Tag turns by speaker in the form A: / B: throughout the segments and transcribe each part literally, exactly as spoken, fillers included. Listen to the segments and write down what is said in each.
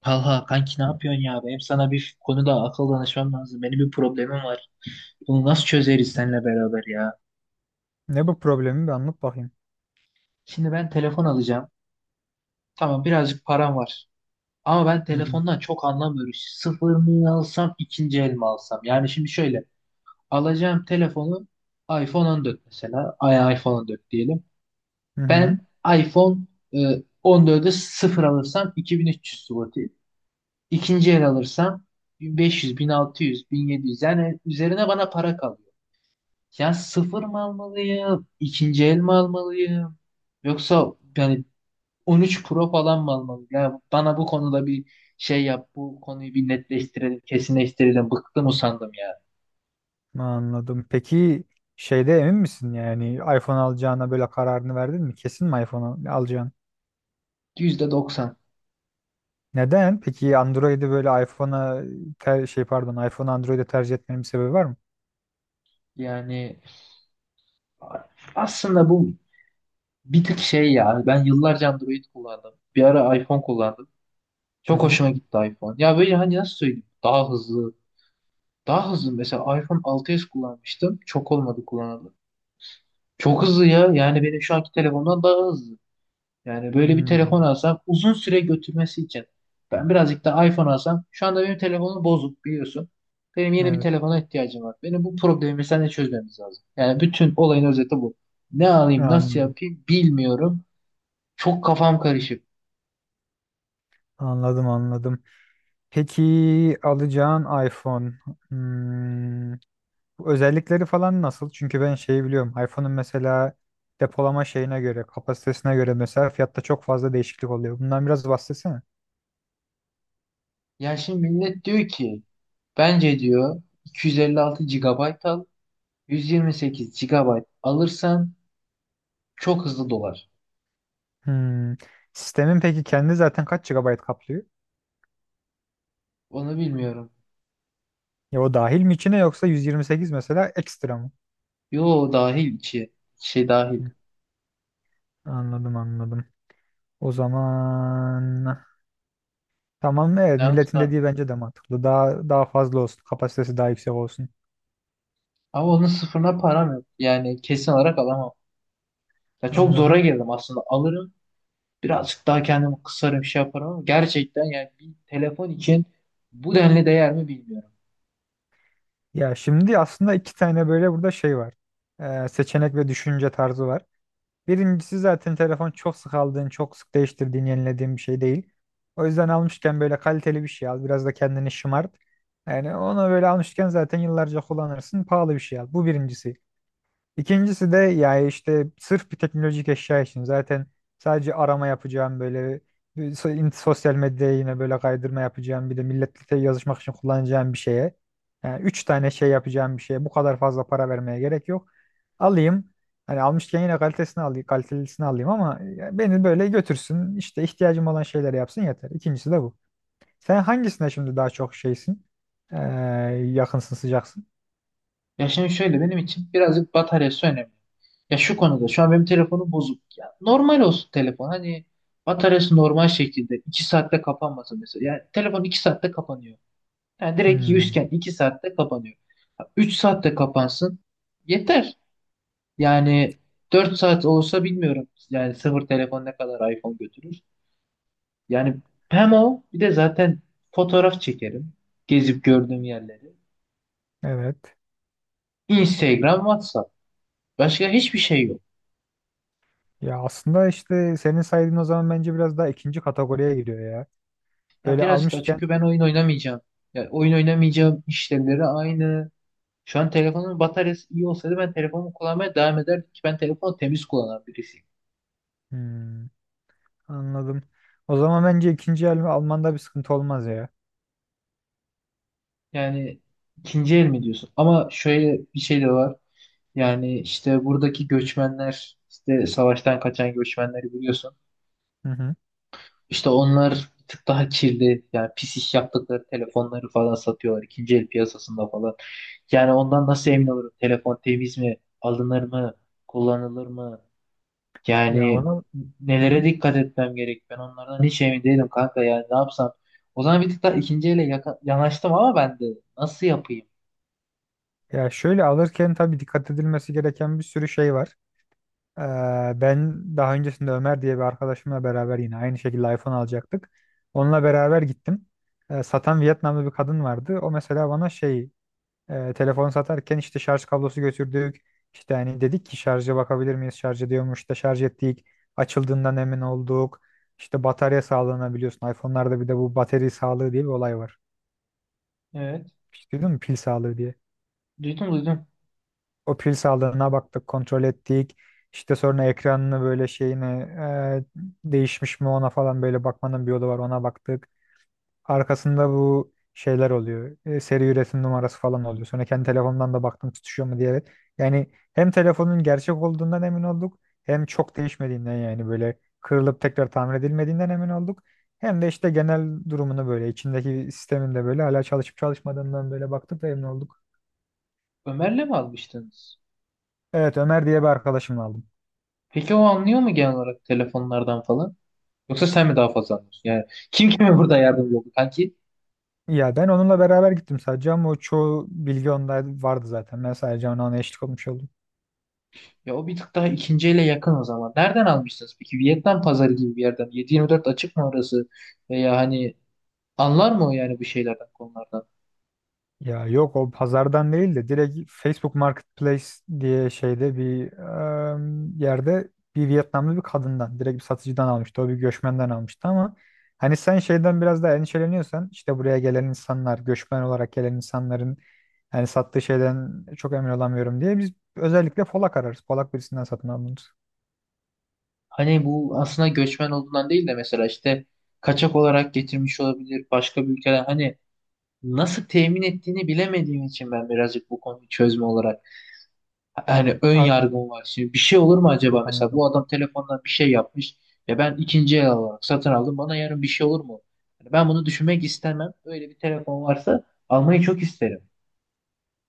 A: Talha kanki ne yapıyorsun ya? Benim sana bir konuda akıl danışmam lazım. Benim bir problemim var. Bunu nasıl çözeriz seninle beraber ya?
B: Ne bu problemi bir anlat bakayım.
A: Şimdi ben telefon alacağım. Tamam birazcık param var. Ama ben
B: Hı hı.
A: telefondan çok anlamıyorum. Sıfır mı alsam ikinci el mi alsam? Yani şimdi şöyle. Alacağım telefonu iPhone on dört mesela. Ay iPhone on dört diyelim.
B: Hı hı.
A: Ben iPhone e, on dördü sıfır alırsam iki bin üç yüz zloty. İkinci el alırsam bin beş yüz, bin altı yüz, bin yedi yüz yani üzerine bana para kalıyor. Ya sıfır mı almalıyım? İkinci el mi almalıyım? Yoksa yani on üç Pro falan mı almalıyım? Ya bana bu konuda bir şey yap. Bu konuyu bir netleştirelim, kesinleştirelim. Bıktım usandım ya.
B: Anladım. Peki şeyde emin misin, yani iPhone alacağına böyle kararını verdin mi? Kesin mi iPhone al- alacaksın?
A: yüzde doksan.
B: Neden? Peki Android'i böyle iPhone'a ter- şey pardon, iPhone Android'e tercih etmenin bir sebebi var mı?
A: Yani aslında bu bir tık şey ya. Ben yıllarca Android kullandım. Bir ara iPhone kullandım.
B: Hı
A: Çok
B: hı.
A: hoşuma gitti iPhone. Ya böyle hani nasıl söyleyeyim? Daha hızlı. Daha hızlı. Mesela iPhone altı s kullanmıştım. Çok olmadı kullanalı. Çok hızlı ya. Yani benim şu anki telefondan daha hızlı. Yani böyle bir
B: Hmm,
A: telefon alsam uzun süre götürmesi için ben birazcık da iPhone alsam şu anda benim telefonum bozuk biliyorsun. Benim yeni bir
B: evet.
A: telefona ihtiyacım var. Benim bu problemi seninle çözmemiz lazım. Yani bütün olayın özeti bu. Ne alayım nasıl
B: Anladım.
A: yapayım bilmiyorum. Çok kafam karışık.
B: Anladım anladım. Peki alacağın iPhone. Hmm, Özellikleri falan nasıl? Çünkü ben şeyi biliyorum. iPhone'un mesela depolama şeyine göre, kapasitesine göre mesela fiyatta çok fazla değişiklik oluyor. Bundan biraz bahsetsene.
A: Ya şimdi millet diyor ki bence diyor iki yüz elli altı gigabayt al yüz yirmi sekiz gigabayt alırsan çok hızlı dolar.
B: Hmm. Sistemin peki kendi zaten kaç G B kaplıyor?
A: Onu bilmiyorum.
B: Ya o dahil mi içine, yoksa yüz yirmi sekiz mesela ekstra mı?
A: Yo dahil içi şey dahil.
B: Hı, anladım anladım. O zaman tamam, evet,
A: Yanlış
B: milletin
A: mı?
B: dediği bence de mantıklı. Daha daha fazla olsun. Kapasitesi daha yüksek olsun.
A: Ama onun sıfırına param yok. Yani kesin olarak alamam. Ya çok zora
B: Anladım.
A: girdim aslında. Alırım. Birazcık daha kendimi kısarım şey yaparım ama gerçekten yani bir telefon için bu denli değer mi bilmiyorum.
B: Ya şimdi aslında iki tane böyle burada şey var. Ee, seçenek ve düşünce tarzı var. Birincisi, zaten telefon çok sık aldığın, çok sık değiştirdiğin, yenilediğin bir şey değil. O yüzden almışken böyle kaliteli bir şey al. Biraz da kendini şımart. Yani onu böyle almışken zaten yıllarca kullanırsın. Pahalı bir şey al. Bu birincisi. İkincisi de yani işte sırf bir teknolojik eşya için zaten sadece arama yapacağım, böyle bir so- in- sosyal medyaya yine böyle kaydırma yapacağım, bir de milletle yazışmak için kullanacağım bir şeye. Yani üç tane şey yapacağım bir şeye bu kadar fazla para vermeye gerek yok. Alayım, hani almışken yine kalitesini alayım, kalitelisini alayım ama ya beni böyle götürsün, işte ihtiyacım olan şeyleri yapsın, yeter. İkincisi de bu. Sen hangisine şimdi daha çok şeysin? Ee, yakınsın, sıcaksın.
A: Ya şimdi şöyle benim için birazcık bataryası önemli. Ya şu konuda şu an benim telefonum bozuk. Ya normal olsun telefon. Hani bataryası normal şekilde iki saatte kapanmasın mesela. Yani telefon iki saatte kapanıyor. Yani direkt
B: Hmm,
A: yüzken iki saatte kapanıyor. Üç saatte kapansın. Yeter. Yani dört saat olsa bilmiyorum. Yani sıfır telefon ne kadar iPhone götürür. Yani hem o bir de zaten fotoğraf çekerim. Gezip gördüğüm yerleri.
B: evet.
A: Instagram, WhatsApp. Başka hiçbir şey yok.
B: Ya aslında işte senin saydığın, o zaman bence biraz daha ikinci kategoriye giriyor ya.
A: Ya
B: Böyle
A: birazcık da
B: almışken.
A: çünkü ben oyun oynamayacağım. Ya oyun oynamayacağım işlevleri aynı. Şu an telefonun bataryası iyi olsaydı ben telefonumu kullanmaya devam ederdim ki ben telefonu temiz kullanan birisiyim.
B: Hmm, anladım. O zaman bence ikinci el Alman'da bir sıkıntı olmaz ya.
A: Yani ikinci el mi diyorsun? Ama şöyle bir şey de var. Yani işte buradaki göçmenler, işte savaştan kaçan göçmenleri biliyorsun.
B: Hı hı.
A: İşte onlar bir tık daha kirli, yani pis iş yaptıkları telefonları falan satıyorlar ikinci el piyasasında falan. Yani ondan nasıl emin olurum? Telefon temiz mi? Alınır mı? Kullanılır mı?
B: Ya
A: Yani
B: onu. Hı
A: nelere
B: hı.
A: dikkat etmem gerek? Ben onlardan hiç emin değilim kanka yani ne yapsam? O zaman bir tık daha ikinci ele yaka- yanaştım ama ben de nasıl yapayım?
B: Ya şöyle alırken tabii dikkat edilmesi gereken bir sürü şey var. Ee, ben daha öncesinde Ömer diye bir arkadaşımla beraber yine aynı şekilde iPhone alacaktık. Onunla beraber gittim. Ee, satan Vietnamlı bir kadın vardı. O mesela bana şey. E, telefon satarken işte şarj kablosu götürdük. İşte hani dedik ki şarja bakabilir miyiz? Şarj ediyormuş. İşte şarj ettik. Açıldığından emin olduk. İşte batarya sağlığına biliyorsun. iPhone'larda bir de bu batarya sağlığı diye bir olay var.
A: Evet.
B: Hiç duydun mu? Pil sağlığı diye.
A: Duydum, duydum.
B: O pil sağlığına baktık, kontrol ettik. İşte sonra ekranını böyle şeyine e, değişmiş mi, ona falan böyle bakmanın bir yolu var, ona baktık. Arkasında bu şeyler oluyor. E, seri üretim numarası falan oluyor. Sonra kendi telefondan da baktım tutuşuyor mu diye. Evet. Yani hem telefonun gerçek olduğundan emin olduk, hem çok değişmediğinden, yani böyle kırılıp tekrar tamir edilmediğinden emin olduk. Hem de işte genel durumunu, böyle içindeki sistemin de böyle hala çalışıp çalışmadığından böyle baktık ve emin olduk.
A: Ömer'le mi almıştınız?
B: Evet, Ömer diye bir arkadaşımla aldım.
A: Peki o anlıyor mu genel olarak telefonlardan falan? Yoksa sen mi daha fazla anlıyorsun? Yani kim kime burada yardımcı oldu kanki?
B: Ya ben onunla beraber gittim sadece, ama o çoğu bilgi onda vardı zaten. Ben sadece ona ona eşlik olmuş oldum.
A: Ya o bir tık daha ikinci yakın o zaman. Nereden almışsınız peki? Vietnam pazarı gibi bir yerden. yedi yirmi dört açık mı orası? Veya hani anlar mı o yani bu şeylerden konulardan?
B: Ya yok, o pazardan değil de direkt Facebook Marketplace diye şeyde bir em, yerde bir Vietnamlı bir kadından, direkt bir satıcıdan almıştı. O bir göçmenden almıştı ama hani sen şeyden biraz daha endişeleniyorsan, işte buraya gelen insanlar, göçmen olarak gelen insanların yani sattığı şeyden çok emin olamıyorum diye biz özellikle Polak ararız. Polak birisinden satın alırız.
A: Hani bu aslında göçmen olduğundan değil de mesela işte kaçak olarak getirmiş olabilir başka bir ülkeden. Hani nasıl temin ettiğini bilemediğim için ben birazcık bu konuyu çözme olarak hani ön
B: Ha,
A: yargım var. Şimdi bir şey olur mu
B: yok
A: acaba
B: yok,
A: mesela
B: anladım.
A: bu adam telefondan bir şey yapmış ve ben ikinci el olarak satın aldım. Bana yarın bir şey olur mu? Hani ben bunu düşünmek istemem. Öyle bir telefon varsa almayı çok isterim.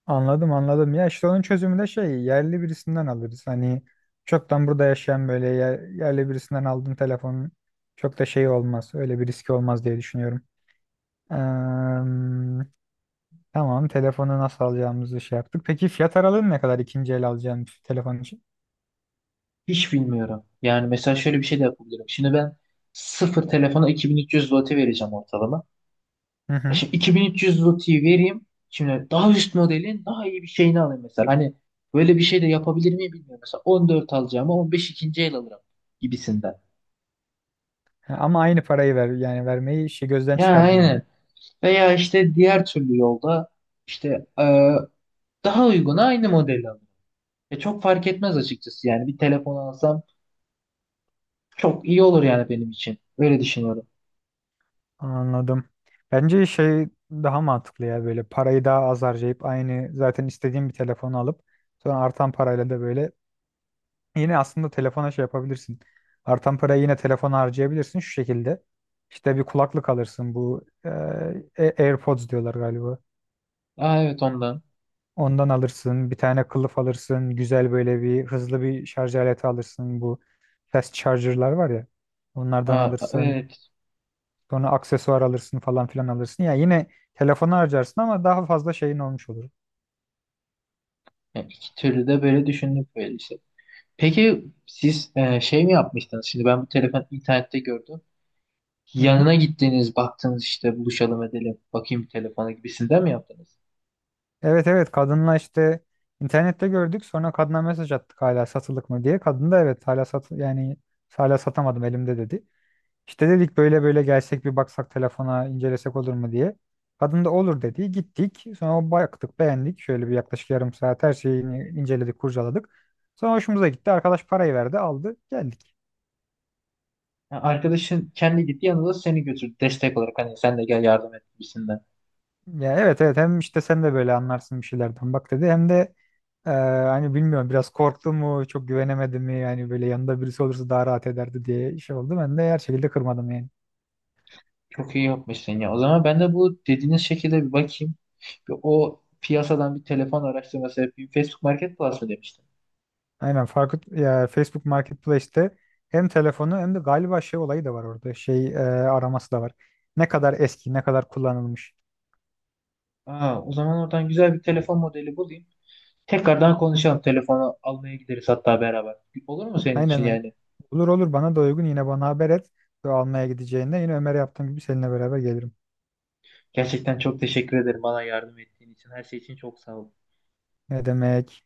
B: Anladım anladım. Ya işte onun çözümü de şey, yerli birisinden alırız. Hani çoktan burada yaşayan böyle yer- yerli birisinden aldığın telefonun çok da şey olmaz. Öyle bir riski olmaz diye düşünüyorum. Eee, tamam, telefonu nasıl alacağımızı şey yaptık. Peki fiyat aralığın ne kadar ikinci el alacağın bir telefon için?
A: Hiç bilmiyorum. Yani mesela şöyle bir şey de yapabilirim. Şimdi ben sıfır telefona iki bin üç yüz zloty vereceğim ortalama.
B: Hı
A: E
B: hı.
A: Şimdi iki bin üç yüz zloty vereyim. Şimdi daha üst modelin daha iyi bir şeyini alayım mesela. Hani böyle bir şey de yapabilir miyim bilmiyorum. Mesela on dört alacağıma on beş ikinci el alırım gibisinden.
B: Ha, ama aynı parayı ver, yani vermeyi şey, gözden
A: Ya
B: çıkardın yani.
A: aynen. Veya işte diğer türlü yolda işte e, daha uyguna aynı modeli alırım. E, çok fark etmez açıkçası yani bir telefon alsam çok iyi olur yani benim için. Öyle düşünüyorum.
B: Anladım. Bence şey daha mantıklı ya, böyle parayı daha az harcayıp, aynı zaten istediğim bir telefonu alıp sonra artan parayla da böyle. Yine aslında telefona şey yapabilirsin. Artan parayı yine telefona harcayabilirsin şu şekilde. İşte bir kulaklık alırsın, bu e, A- AirPods diyorlar galiba.
A: Aa, evet ondan.
B: Ondan alırsın. Bir tane kılıf alırsın. Güzel böyle bir hızlı bir şarj aleti alırsın. Bu fast charger'lar var ya. Onlardan
A: Aa,
B: alırsın.
A: evet.
B: Sonra aksesuar alırsın falan filan alırsın. Ya yine telefona harcarsın ama daha fazla şeyin olmuş olur.
A: Yani iki türlü de böyle düşündük böyle işte. Peki siz e, şey mi yapmıştınız? Şimdi ben bu telefon internette gördüm.
B: Hı hı.
A: Yanına gittiğiniz baktınız işte buluşalım edelim bakayım telefona gibisinden mi yaptınız?
B: Evet evet, kadınla işte internette gördük, sonra kadına mesaj attık hala satılık mı diye. Kadın da evet, hala sat yani hala satamadım elimde dedi. İşte dedik böyle böyle gelsek, bir baksak telefona, incelesek olur mu diye. Kadın da olur dedi. Gittik. Sonra baktık, beğendik. Şöyle bir yaklaşık yarım saat her şeyini inceledik, kurcaladık. Sonra hoşumuza gitti. Arkadaş parayı verdi, aldı, geldik.
A: Ha, arkadaşın kendi gitti yanında seni götürdü destek olarak hani sen de gel yardım et gibisinden.
B: Ya evet evet, hem işte sen de böyle anlarsın bir şeylerden bak dedi. Hem de Ee, hani bilmiyorum, biraz korktu mu, çok güvenemedi mi, yani böyle yanında birisi olursa daha rahat ederdi diye şey oldu. Ben de her şekilde kırmadım yani.
A: Çok iyi yapmışsın ya. O zaman ben de bu dediğiniz şekilde bir bakayım. Bir o piyasadan bir telefon araştırması yapayım. Facebook Market Plus mı demiştin?
B: Aynen farklı ya, Facebook Marketplace'te hem telefonu hem de galiba şey olayı da var orada, şey e, araması da var. Ne kadar eski, ne kadar kullanılmış.
A: Aa, o zaman oradan güzel bir telefon modeli bulayım. Tekrardan konuşalım. Telefonu almaya gideriz hatta beraber. Olur mu senin
B: Aynen
A: için
B: aynen.
A: yani?
B: Olur olur, bana da uygun, yine bana haber et. Ve almaya gideceğinde yine Ömer'e yaptığım gibi seninle beraber gelirim.
A: Gerçekten çok teşekkür ederim bana yardım ettiğin için. Her şey için çok sağ ol.
B: Ne demek?